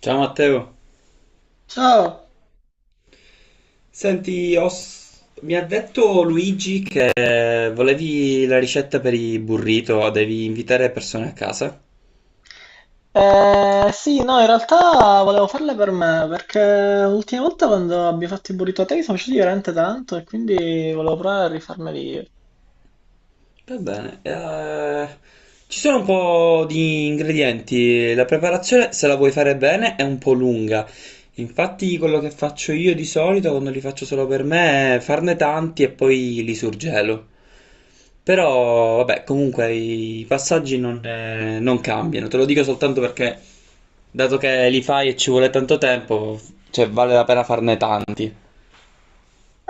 Ciao Matteo, Ciao, senti, mi ha detto Luigi che volevi la ricetta per i burrito, devi invitare persone a casa. Sì, no, in realtà volevo farle per me perché l'ultima volta quando abbiamo fatto i burrito a te mi sono piaciuti veramente tanto e quindi volevo provare a rifarmeli io. Va bene, ci sono un po' di ingredienti, la preparazione se la vuoi fare bene è un po' lunga, infatti quello che faccio io di solito quando li faccio solo per me è farne tanti e poi li surgelo. Però, vabbè, comunque i passaggi non cambiano. Te lo dico soltanto perché, dato che li fai e ci vuole tanto tempo, cioè vale la pena farne tanti.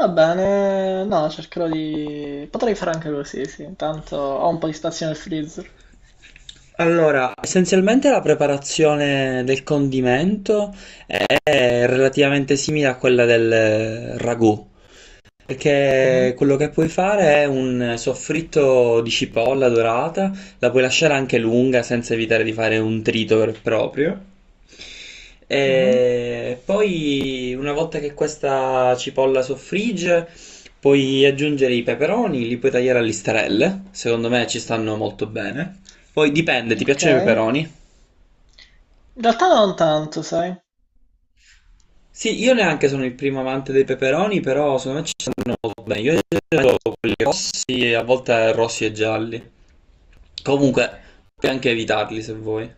Va bene, no, potrei fare anche così, sì, intanto ho un po' di spazio nel freezer. Allora, essenzialmente la preparazione del condimento è relativamente simile a quella del ragù. Mhm. Perché quello che puoi fare è un soffritto di cipolla dorata, la puoi lasciare anche lunga senza evitare di fare un trito vero e proprio. Mhm. E poi, una volta che questa cipolla soffrigge, puoi aggiungere i peperoni, li puoi tagliare a listarelle. Secondo me ci stanno molto bene. Poi dipende, ti Ok, piacciono i in peperoni? realtà non tanto, sai. Sì, io neanche sono il primo amante dei peperoni, però secondo me ci sono bene. Io ho quelli rossi, a volte rossi e gialli. Comunque, puoi anche evitarli se vuoi.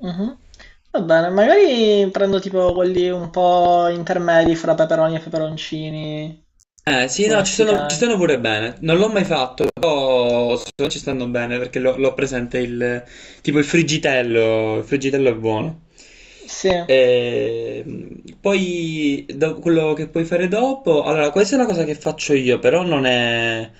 Mhm. Va bene, magari prendo tipo quelli un po' intermedi fra peperoni e peperoncini, Eh sì, tipo no, ci sono, ci messicani. stanno pure bene. Non l'ho mai fatto, però ci stanno bene perché l'ho presente il tipo il friggitello è buono. Sì, E, poi quello che puoi fare dopo, allora questa è una cosa che faccio io, però non è,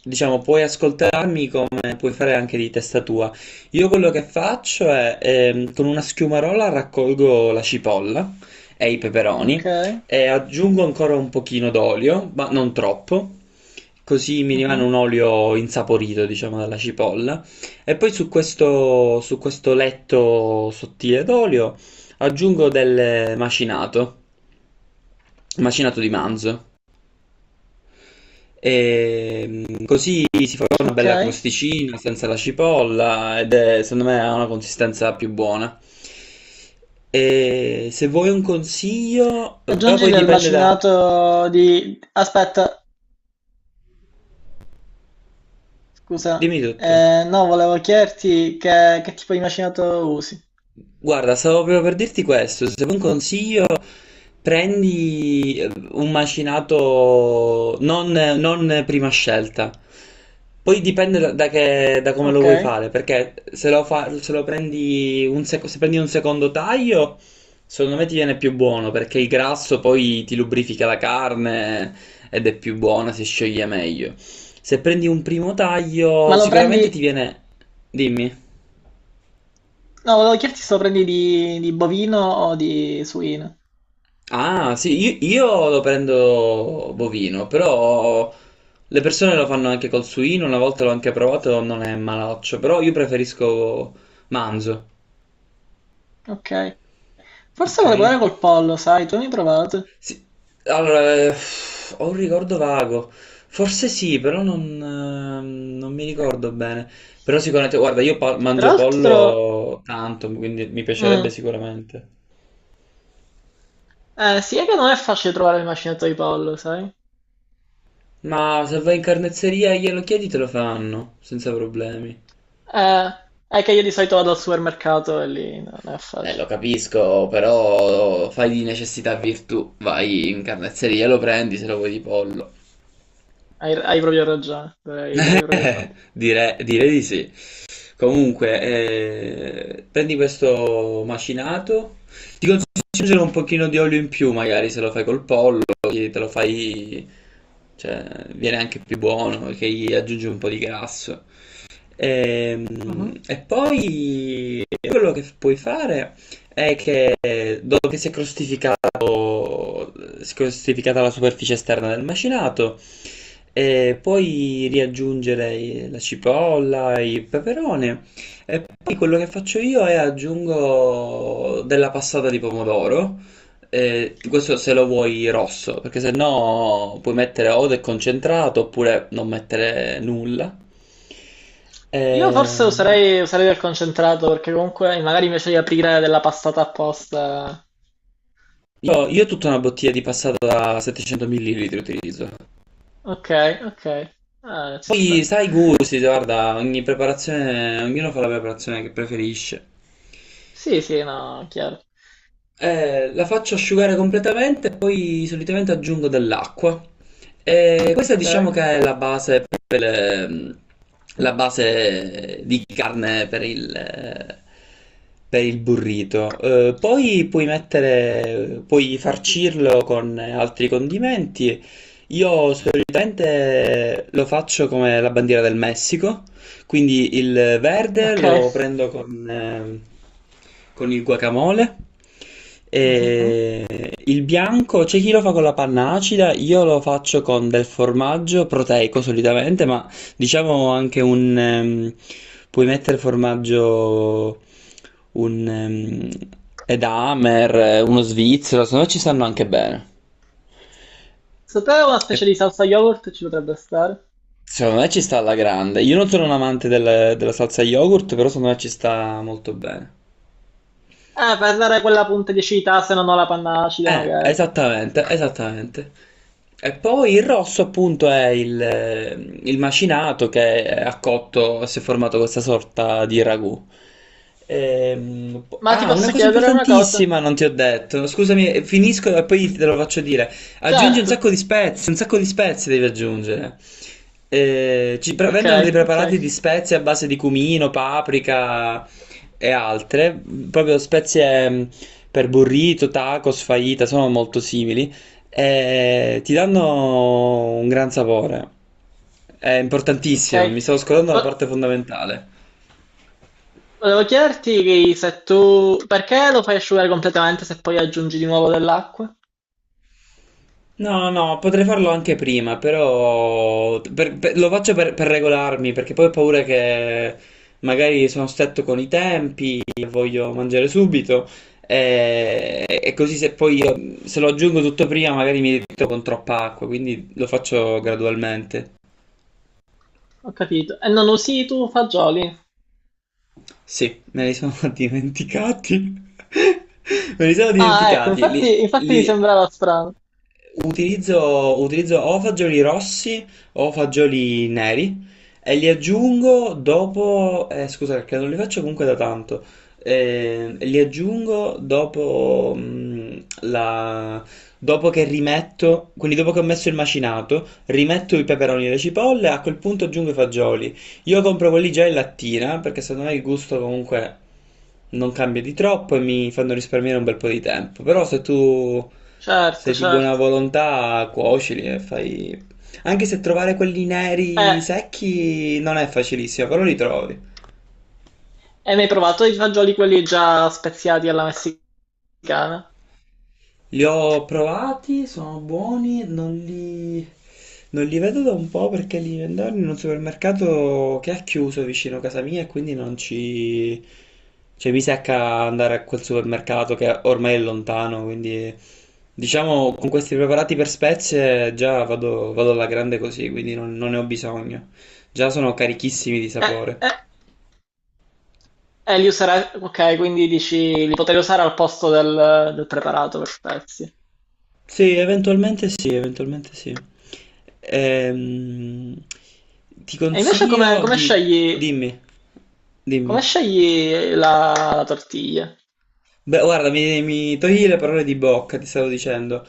diciamo, puoi ascoltarmi come puoi fare anche di testa tua. Io quello che faccio è con una schiumarola raccolgo la cipolla e i ok. peperoni. E aggiungo ancora un pochino d'olio, ma non troppo, così mi Mh-mh. rimane un olio insaporito, diciamo, dalla cipolla. E poi su questo letto sottile d'olio aggiungo del macinato, macinato di manzo. E così si fa una bella Okay. crosticina senza la cipolla ed è, secondo me ha una consistenza più buona. E se vuoi un consiglio, però Aggiungi poi del dipende da... macinato di aspetta, scusa, Dimmi tutto. No, volevo chiederti che tipo di macinato usi. Guarda, stavo proprio per dirti questo, se vuoi un consiglio prendi un macinato non prima scelta, poi dipende da come lo vuoi Okay. fare, perché se prendi un secondo taglio, secondo me ti viene più buono, perché il grasso poi ti lubrifica la carne ed è più buona, si scioglie meglio. Se prendi un primo taglio, Ma lo prendi sicuramente ti viene... Dimmi. No, volevo chiederti se lo prendi di bovino o di suino. Ah, sì, io lo prendo bovino, però le persone lo fanno anche col suino, una volta l'ho anche provato, non è malaccio, però io preferisco manzo, Okay. Forse ok? vorrei provare col pollo, sai, tu mi hai mai provato? Sì, allora, ho un ricordo vago, forse sì, però non mi ricordo bene, però sicuramente, guarda, io Tra mangio l'altro pollo tanto, quindi mi piacerebbe mh, sicuramente. eh sì, è che non è facile trovare il macinato di pollo, sai? Ma se vai in carnezzeria e glielo chiedi te lo fanno, senza problemi. Eh, è che io di solito vado al Sì. supermercato e lì non è Lo facile. capisco, però fai di necessità virtù. Vai in carnezzeria, lo prendi se lo vuoi di pollo. Hai proprio ragione, dovrei proprio farlo. Direi di sì. Comunque, prendi questo macinato. Ti consiglio di aggiungere un pochino di olio in più, magari se lo fai col pollo, così te lo fai, cioè, viene anche più buono, che gli aggiungi un po' di grasso. Mhm. E, poi quello che puoi fare è che dopo che si è crostificato, si è crostificata la superficie esterna del macinato, puoi riaggiungere la cipolla, il peperone e poi quello che faccio io è aggiungo della passata di pomodoro. Questo se lo vuoi rosso, perché se no puoi mettere o del concentrato oppure non mettere nulla. Io forse Ehm, userei del concentrato perché comunque magari invece di aprire della passata apposta. io tutta una bottiglia di passata da 700 ml utilizzo. Ok, ok. Ah, ci Poi sta. sai i gusti, guarda, ogni preparazione, ognuno fa la preparazione che preferisce. Sì, sì, no, chiaro. La faccio asciugare completamente e poi solitamente aggiungo dell'acqua. Questa Ok, diciamo che è la base per la base di carne per il burrito. Poi puoi mettere, puoi farcirlo con altri condimenti. Io solitamente lo faccio come la bandiera del Messico, quindi il verde ok. lo prendo con il guacamole. Mhm. E il bianco c'è chi lo fa con la panna acida, io lo faccio con del formaggio proteico solitamente, ma diciamo anche puoi mettere formaggio, un Edamer, uno svizzero, se no ci stanno anche bene. Secondo te una E specie di salsa yogurt ci potrebbe stare? Secondo me ci sta alla grande. Io non sono un amante della salsa yogurt, però secondo me ci sta molto bene. Per dare quella punta di acidità se non ho la panna acida magari. Esattamente, esattamente. E poi il rosso appunto è il macinato che ha cotto, si è formato questa sorta di ragù. Ma ti Una posso cosa chiedere una cosa? importantissima non ti ho detto. Scusami, finisco e poi te lo faccio dire. Aggiungi un Certo. sacco di spezie, un sacco di spezie devi aggiungere. Ci Ok, vendono dei ok, preparati di spezie a base di cumino, paprika e altre, proprio spezie per burrito, tacos, fajita, sono molto simili e ti danno un gran sapore. È ok. importantissimo, mi stavo scordando la Vo- parte fondamentale. Volevo chiederti se tu... perché lo fai asciugare completamente se poi aggiungi di nuovo dell'acqua? No, no, potrei farlo anche prima, però lo faccio per regolarmi, perché poi ho paura che magari sono stretto con i tempi, voglio mangiare subito, e, così se poi io, se lo aggiungo tutto prima magari mi ritrovo con troppa acqua, quindi lo faccio gradualmente. Ho capito. E non usi tu fagioli? Sì, me li sono dimenticati. Me li sono Ah, ecco, dimenticati. Infatti mi sembrava strano. Utilizzo, utilizzo o fagioli rossi o fagioli neri e li aggiungo dopo, scusa perché non li faccio comunque da tanto. Li aggiungo dopo, la, dopo che rimetto, quindi dopo che ho messo il macinato, rimetto i peperoni e le cipolle, a quel punto aggiungo i fagioli. Io compro quelli già in lattina perché secondo me il gusto comunque non cambia di troppo e mi fanno risparmiare un bel po' di tempo. Però se tu Certo, sei di buona certo. volontà, cuocili e fai... Anche se trovare quelli Eh, neri secchi non è facilissimo, però li trovi. e mi hai provato i fagioli quelli già speziati alla messicana? Li ho provati, sono buoni, non li vedo da un po' perché li vendono in un supermercato che ha chiuso vicino a casa mia e quindi non ci... Cioè mi secca andare a quel supermercato che ormai è lontano, quindi diciamo con questi preparati per spezie già vado, vado alla grande così, quindi non ne ho bisogno. Già sono carichissimi di Eh, sapore. eh. Li userai, ok, quindi dici li potrei usare al posto del preparato per pezzi. Sì, eventualmente sì, eventualmente sì. Ehm, Ti E invece consiglio di... Dimmi, dimmi. come scegli la tortiglia? Beh, guarda, mi togli le parole di bocca, ti stavo dicendo. Ti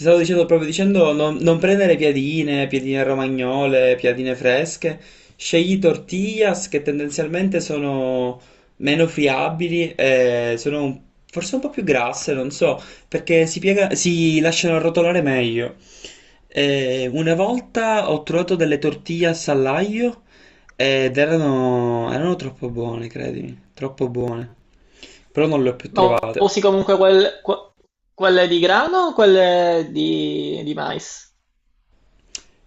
stavo dicendo proprio dicendo non prendere piadine, piadine romagnole, piadine fresche. Scegli tortillas che tendenzialmente sono meno friabili e sono forse un po' più grasse, non so, perché si piega, si lasciano arrotolare meglio. Una volta ho trovato delle tortillas all'aglio ed erano troppo buone, credimi, troppo buone. Però non le ho più Ma trovate. usi comunque quelle di grano o quelle di mais?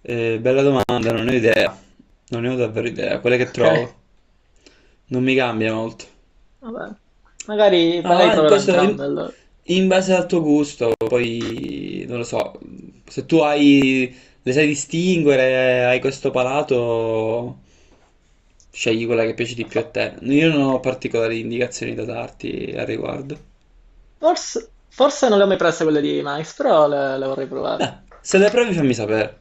Bella domanda, non ne ho idea. Non ne ho davvero idea. Quelle che Ok, trovo non mi cambia molto. vabbè. Magari, No, magari ma proverò questo in, entrambe allora. in base al tuo gusto, poi non lo so. Se tu hai, le sai distinguere, hai questo palato, scegli quella che piace di più a Fo- te. Io non ho particolari indicazioni da darti al riguardo. forse non le ho mai prese quelle di mais, però le vorrei Beh, provare. se le provi fammi sapere.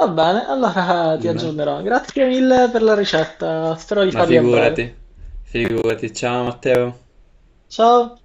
Va bene, allora ti Nemmeno. aggiornerò. Grazie mille per la ricetta, spero di Ma farli a figurati, breve. figurati. Ciao Matteo. Ciao!